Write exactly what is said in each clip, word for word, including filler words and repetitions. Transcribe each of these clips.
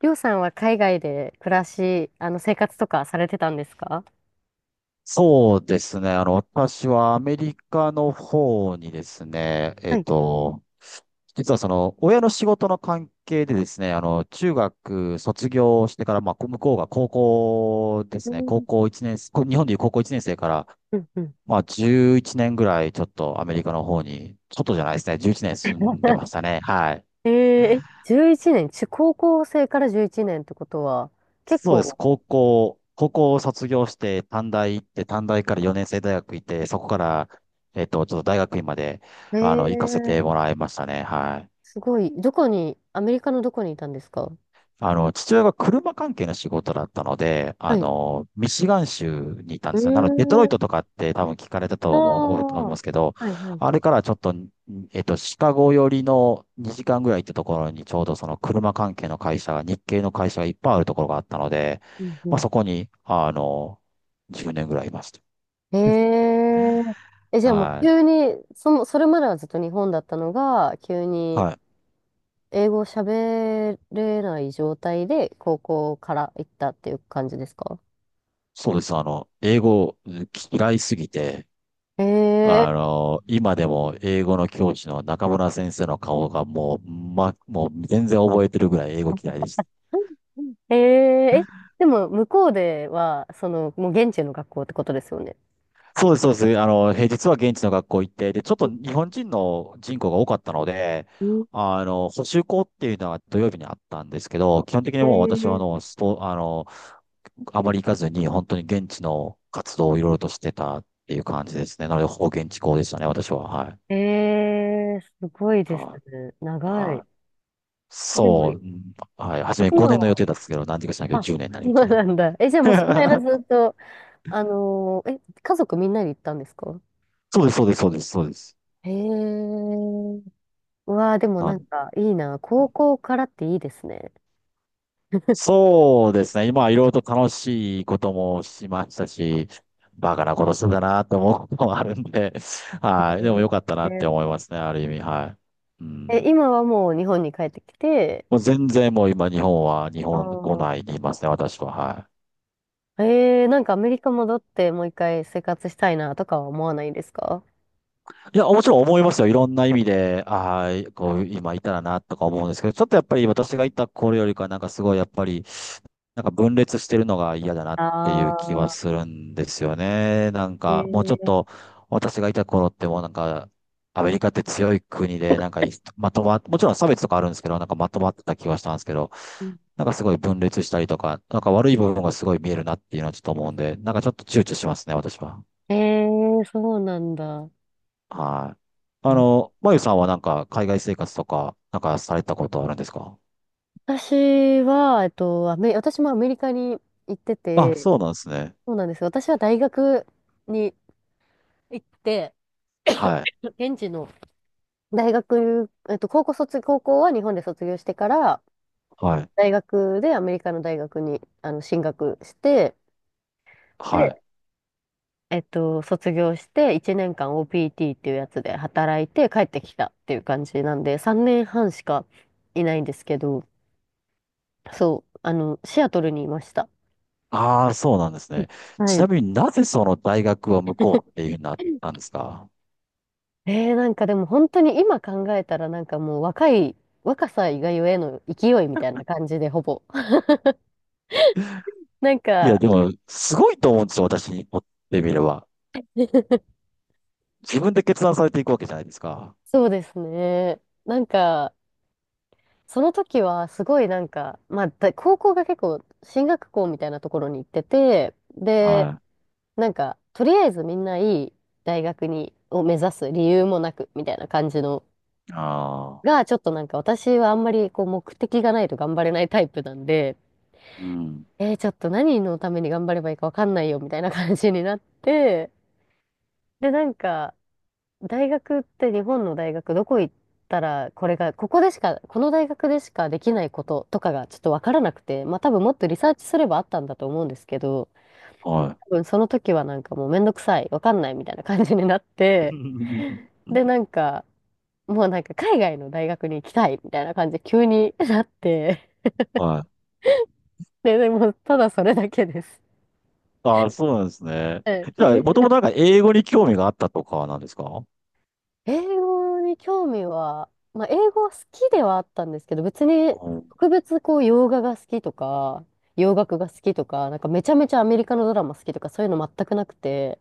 りょうさんは海外で暮らし、あの、生活とかされてたんですか？そうですね。あの、私はアメリカの方にですね、えはっい。と、実はその、親の仕事の関係でですね、あの、中学卒業してから、まあ、こ向こうが高校でうすね、高ん。校いちねん、こ日本でいう高校いちねん生から、うんうん。まあ、じゅういちねんぐらいちょっとアメリカの方に、ちょっとじゃないですね、じゅういちねん住んでま したね。はい。えー、え、じゅういちねん、中、高校生からじゅういちねんってことは、結そうです。構、高校、高校を卒業して、短大行って、短大からよねん生大学行って、そこから、えっと、ちょっと大学院まで、えあの、行かせてー、もらいましたね。はい。すごい、どこに、アメリカのどこにいたんですか？あの、父親が車関係の仕事だったので、あはい。の、ミシガン州にいたんうーですよ。なので、デトロイトん、とかって多分聞かれたあと思う、思あ、いまはすけど、いはいあはれい。からちょっと、えっと、シカゴ寄りのにじかんぐらい行ったところにちょうどその車関係の会社が、日系の会社がいっぱいあるところがあったので、うんうまあん。そこに、あの、じゅうねんぐらいいましへえー、え、じゃた。あもうは急い。に、その、それまではずっと日本だったのが、急にはい。英語を喋れない状態で高校から行ったっていう感じですか？そうです。あの、英語嫌いすぎて、えあえ、の、今でも英語の教師の中村先生の顔がもう、ま、もう全然覚えてるぐらい英語嫌いでした。うん、えー、え、でも向こうでは、その、もう現地の学校ってことですよね。そうです、そうです。あの、平日は現地の学校行って、で、ちょっと日本人の人口が多かったので、うん、あの、補習校っていうのは土曜日にあったんですけど、基本的にもう私はあえの、スポ、あの、あまり行かずに本当に現地の活動をいろいろとしてたっていう感じですね。なので、ほぼ現地校でしたね、私は。はい。ー、えー、すごいですはね。い。長はい。い、でも、そう。はい。初め今ごねんの予は、定だったんですけど、何時かしないけどあ、じゅうねんになりそましうたなね。んだ。え、じゃあもうその間ず っと、あのーえ、家族みんなで行ったんですか？そうです、そうです、そうです、そうです。へえ。うわあ、でもななんんかいいな。高校からっていいですね。そうですね。今、いろいろと楽しいこともしましたし、バカなことしてたなと思うこともあるんで、えはい。でも良かったなってー、思いますね、ある意味、はい。うえ、ん。今はもう日本に帰ってきて、もう全然もう今、日本は、日あ本、来ー、ないでいますね、私は、はい。えー、なんかアメリカ戻ってもう一回生活したいなとかは思わないですか？いや、もちろん思いますよ。いろんな意味で、ああ、こう、今いたらな、とか思うんですけど、ちょっとやっぱり私がいた頃よりか、なんかすごい、やっぱり、なんか分裂してるのが嫌だなっていう気はあすあるんですよね。なんー、か、もうちょっえと、私がいた頃ってもうなんか、アメリカって強い国で、なんかい、まとま、もちろん差別とかあるんですけど、なんかまとまってた気はしたんですけど、ー、なんかすごい分裂したりとか、なんか悪い部分がすごい見えるなっていうのはちょっと思うんで、なんかちょっと躊躇しますね、私は。えー、そうなんだ。はい。あの、まゆさんはなんか海外生活とか、なんかされたことあるんですか？私は、えっと、アメ、私もアメリカに行ってあ、て、そうなんですね。そうなんですよ。私は大学に行って、はい。現地の大学、えっと、高校卒、高校は日本で卒業してから、はい。大学でアメリカの大学にあの進学して、で、はい。えっと、卒業していちねんかん オーピーティー っていうやつで働いて帰ってきたっていう感じなんで、さんねんはんしかいないんですけど、そう、あの、シアトルにいました。ああ、そうなんですうん、ね。はちない。みになぜその大学は向こうっていうふうになったんですか？ えー、なんかでも本当に今考えたらなんかもう若い、若さ以外への勢いみたいな感じでほぼ。なん いや、か、でも、すごいと思うんですよ、私にとってみれば。自分で決断されていくわけじゃないですか。そうですね。なんか、その時はすごいなんか、まあ、だ高校が結構進学校みたいなところに行ってて、で、はなんか、とりあえずみんないい大学に、を目指す理由もなく、みたいな感じの、い。ああ、が、ちょっとなんか私はあんまりこう目的がないと頑張れないタイプなんで、うん。えー、ちょっと何のために頑張ればいいかわかんないよ、みたいな感じになって、で、なんか、大学って日本の大学どこ行ったら、これが、ここでしか、この大学でしかできないこととかがちょっとわからなくて、まあ多分もっとリサーチすればあったんだと思うんですけど、はい。多分その時はなんかもうめんどくさい、わかんないみたいな感じになって、で、なんか、もうなんか海外の大学に行きたいみたいな感じで急になって、はい。で、でもただそれだけです。ああ、そうなんですね。はい。 じゃあ、もともとなん か英語に興味があったとかなんですか？ 英語に興味は、まあ英語は好きではあったんですけど、別に特別こう洋画が好きとか、洋楽が好きとか、なんかめちゃめちゃアメリカのドラマ好きとかそういうの全くなくて、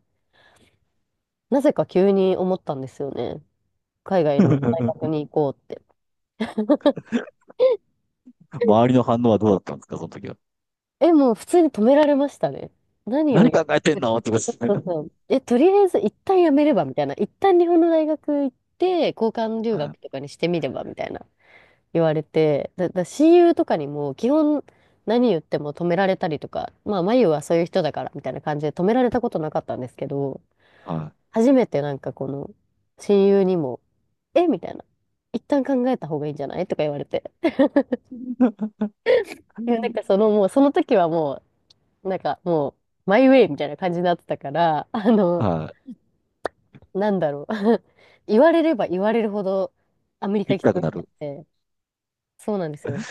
なぜか急に思ったんですよね。海外の大学 に行こうって。周りの反応はどうだったんですか、その時は。え、もう普通に止められましたね。何を何言っ考えててんる。のってことですそうね。そう。え、とりあえず一旦やめればみたいな。一旦日本の大学行って、交換 留は学い。とかにしてみればみたいな言われて、だ、だ親友とかにも基本何言っても止められたりとか、まあ、まゆはそういう人だからみたいな感じで止められたことなかったんですけど、は初めてなんかこの親友にも、えみたいな。一旦考えた方がいいんじゃないとか言われて。い。いや、なんかそのもう、その時はもう、なんかもう、マイウェイみたいな感じになってたから、あの、はなんだろう。言われれば言われるほどアメリカい。行行ききたたくくなっなちゃっる。て。そうなんですよ。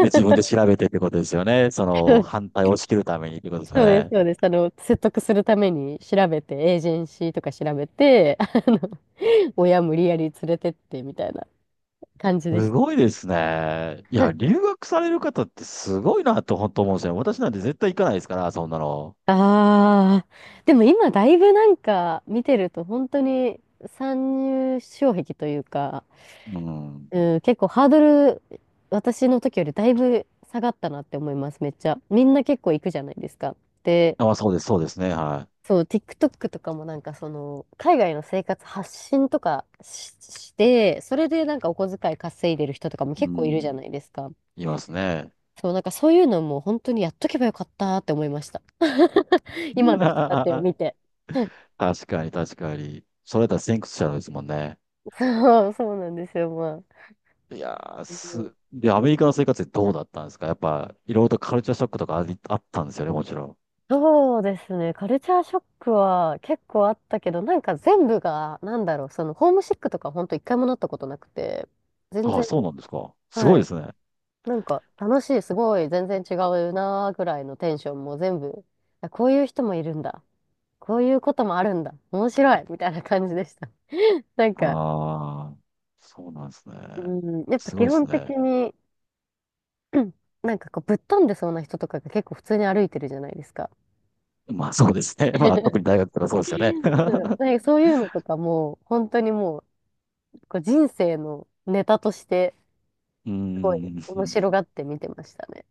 で、自分で 調べてってことですよね。その、反対を押し切るためにってことですよそうです、ね。そうです。あの、説得するために調べて、エージェンシーとか調べて、あの、親無理やり連れてってみたいな感じですした。ごいですね。いや、留学される方ってすごいなと本当思うんですよ。私なんて絶対行かないですから、そんなの。ああ、でも今だいぶなんか見てると本当に参入障壁というか、うん。うん、結構ハードル、私の時よりだいぶ下がったなって思います、めっちゃ。みんな結構行くじゃないですか。で、あ、まあそうです、そうですね。はそう、TikTok とかもなんかその、海外の生活発信とかし、して、それでなんかお小遣い稼いでる人とかもい。う結構いるじゃん。ないですか。いますね。そう、なんかそういうのも本当にやっとけばよかったって思いました。今の人たち を見て。確かに、確かに。それだったら先駆者ですもんね。そう、そうなんですよ、まあ。いやー、うん、す、で、アメリカの生活ってどうだったんですかやっぱ、いろいろとカルチャーショックとかあり、あったんですよね、もちろん。そうですね。カルチャーショックは結構あったけど、なんか全部が、なんだろう、その、ホームシックとか本当一回もなったことなくて、全ああ、然、そうなんですか。すごはいでい。すね。なんか楽しい、すごい、全然違うなーぐらいのテンションも全部、あこういう人もいるんだ。こういうこともあるんだ。面白いみたいな感じでした。なんか、ああ、そうなんですね。うん、やっぱすご基いです本的ね。に、なんかこう、ぶっ飛んでそうな人とかが結構普通に歩いてるじゃないですか。まあ、そうですね。まあ、特に 大学とかそうですよね。そ うう、なんかそういうのとかも、本当にもう、こう人生のネタとして、ーすごいん。面白がって見てましたね。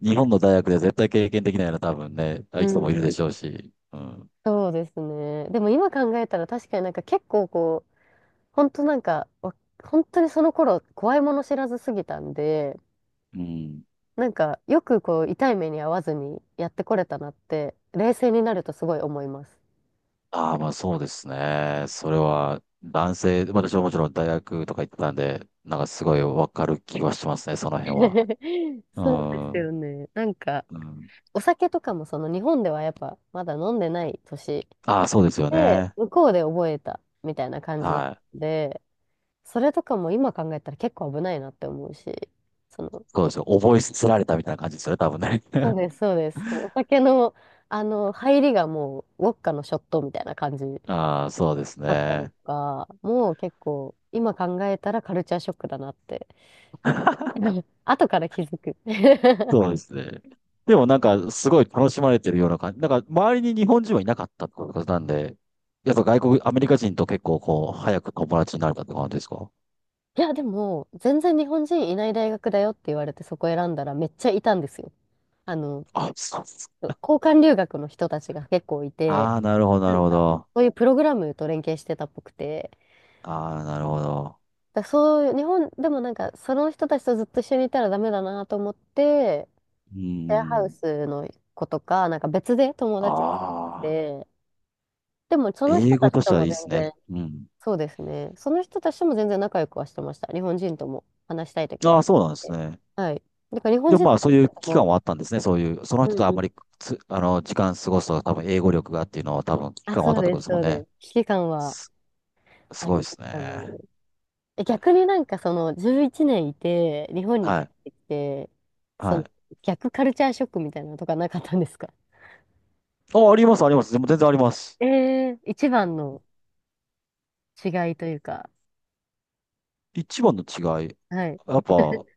日本の大学で絶対経験できないような多分ね、う人もいるでん。しょうし。うん。そうですね。でも今考えたら確かになんか結構こう、本当なんか、わ本当にその頃怖いもの知らずすぎたんで、うん。なんかよくこう痛い目に遭わずにやってこれたなって、冷静になるとすごい思います。ああ、まあそうですね。それは、男性、まあ私はもちろん大学とか行ってたんで、なんかすごいわかる気はしますね、その辺は。うそうですよん。ね。なんか、うん。お酒とかもその日本ではやっぱまだ飲んでない年ああ、そうですよで、ね。向こうで覚えたみたいな感じだったはい。んで、それとかも今考えたら結構危ないなって思うし、その、そうですよ。覚えすつられたみたいな感じですよね、多分ね。そうです、そうです。こうお酒の、あの、入りがもう、ウォッカのショットみたいな感じ ああ、そうですだったりとね。か、もう結構、今考えたらカルチャーショックだなって、後から気づく。そうですね。でもなんか、すごい楽しまれてるような感じ。なんか、周りに日本人はいなかったってことなんで、やっぱ外国、アメリカ人と結構こう、早く友達になれたって感じですか？いや、でも、全然日本人いない大学だよって言われてそこ選んだらめっちゃいたんですよ。あの、あ、そうです。交換留学の人たちが結構いて、ああ、なるほど、ななるんほか、ど。そういうプログラムと連携してたっぽくて、ああ、なるほど。だそういう、日本でもなんか、その人たちとずっと一緒にいたらダメだなと思って、うシェアーハウん。スの子とか、なんか別で友達作っああ、て、でもその人英た語ちとしとてはもいいで全すね。然、うん。そうですね、その人たちとも全然仲良くはしてました。日本人とも話したいときああ、は。そうなんですで、ね。はい。だから日本でも人とまあそういう期間も、はあったんですね。そういう、そのうん人とあうんん。まりつ、あの、時間過ごすと多分英語力がっていうのは多分期あ、間はあっそうたってでことす、ですもそんうね。です。危機感はす、すあごりいまでしすたね。ね。え逆になんかそのじゅういちねん、いちねんいて、日本には帰っい。てきて、そはのい。逆カルチャーショックみたいなのとかなかったんですか？あ、あります、あります。でも全然あります。ええー、一番の違いというか、一番の違い。はい。やっぱ、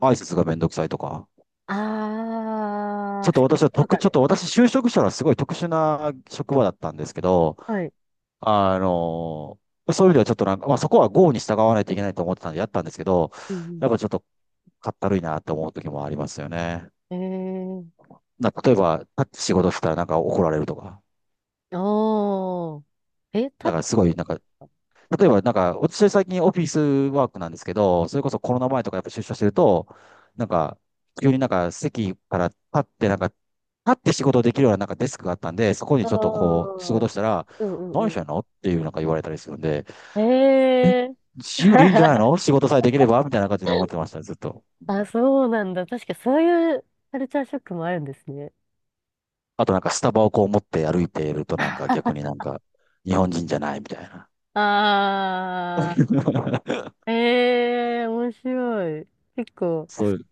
挨拶がめんどくさいとか。あちょっあ、と仕事私はと特、かちょっで。と私就職したらすごい特殊な職場だったんですけど、はい。あのそういう意味ではちょっとなんか、まあそこは郷に従わないといけないと思ってたんでやったんですけど、うやんっぱちょっとかったるいなって思う時もありますよね。うん。ええな、例えば、タッチ仕事したらなんか怒られるとか。ー、おー。え、タだッからすごい、チ。なんか、例えばなんか、私最近オフィスワークなんですけど、それこそコロナ前とかやっぱ出社してると、なんか、急になんか席から立って、なんか、立って仕事できるようななんかデスクがあったんで、そこにああ、ちょっとこう、仕う事んしたら、うんう何してん。んのっていうなんか言われたりするんで、え、ええー。自由でいいんじゃない の仕事さえできればみたいな感じで思ってました、ずっと。あ、そうなんだ。確かそういうカルチャーショックもあるんですね。あとなんかスタバをこう持って歩いているとなんか逆になんか、日本人じゃないみたいな。あ、 ええー、面白い。結構、そういう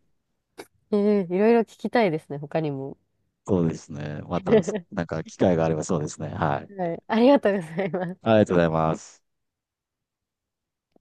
ええ、いろいろ聞きたいですね、他にも。そうですね。また、な んか機会があればそうですね。はい。はい、ありがとうございます。ありがとうございます。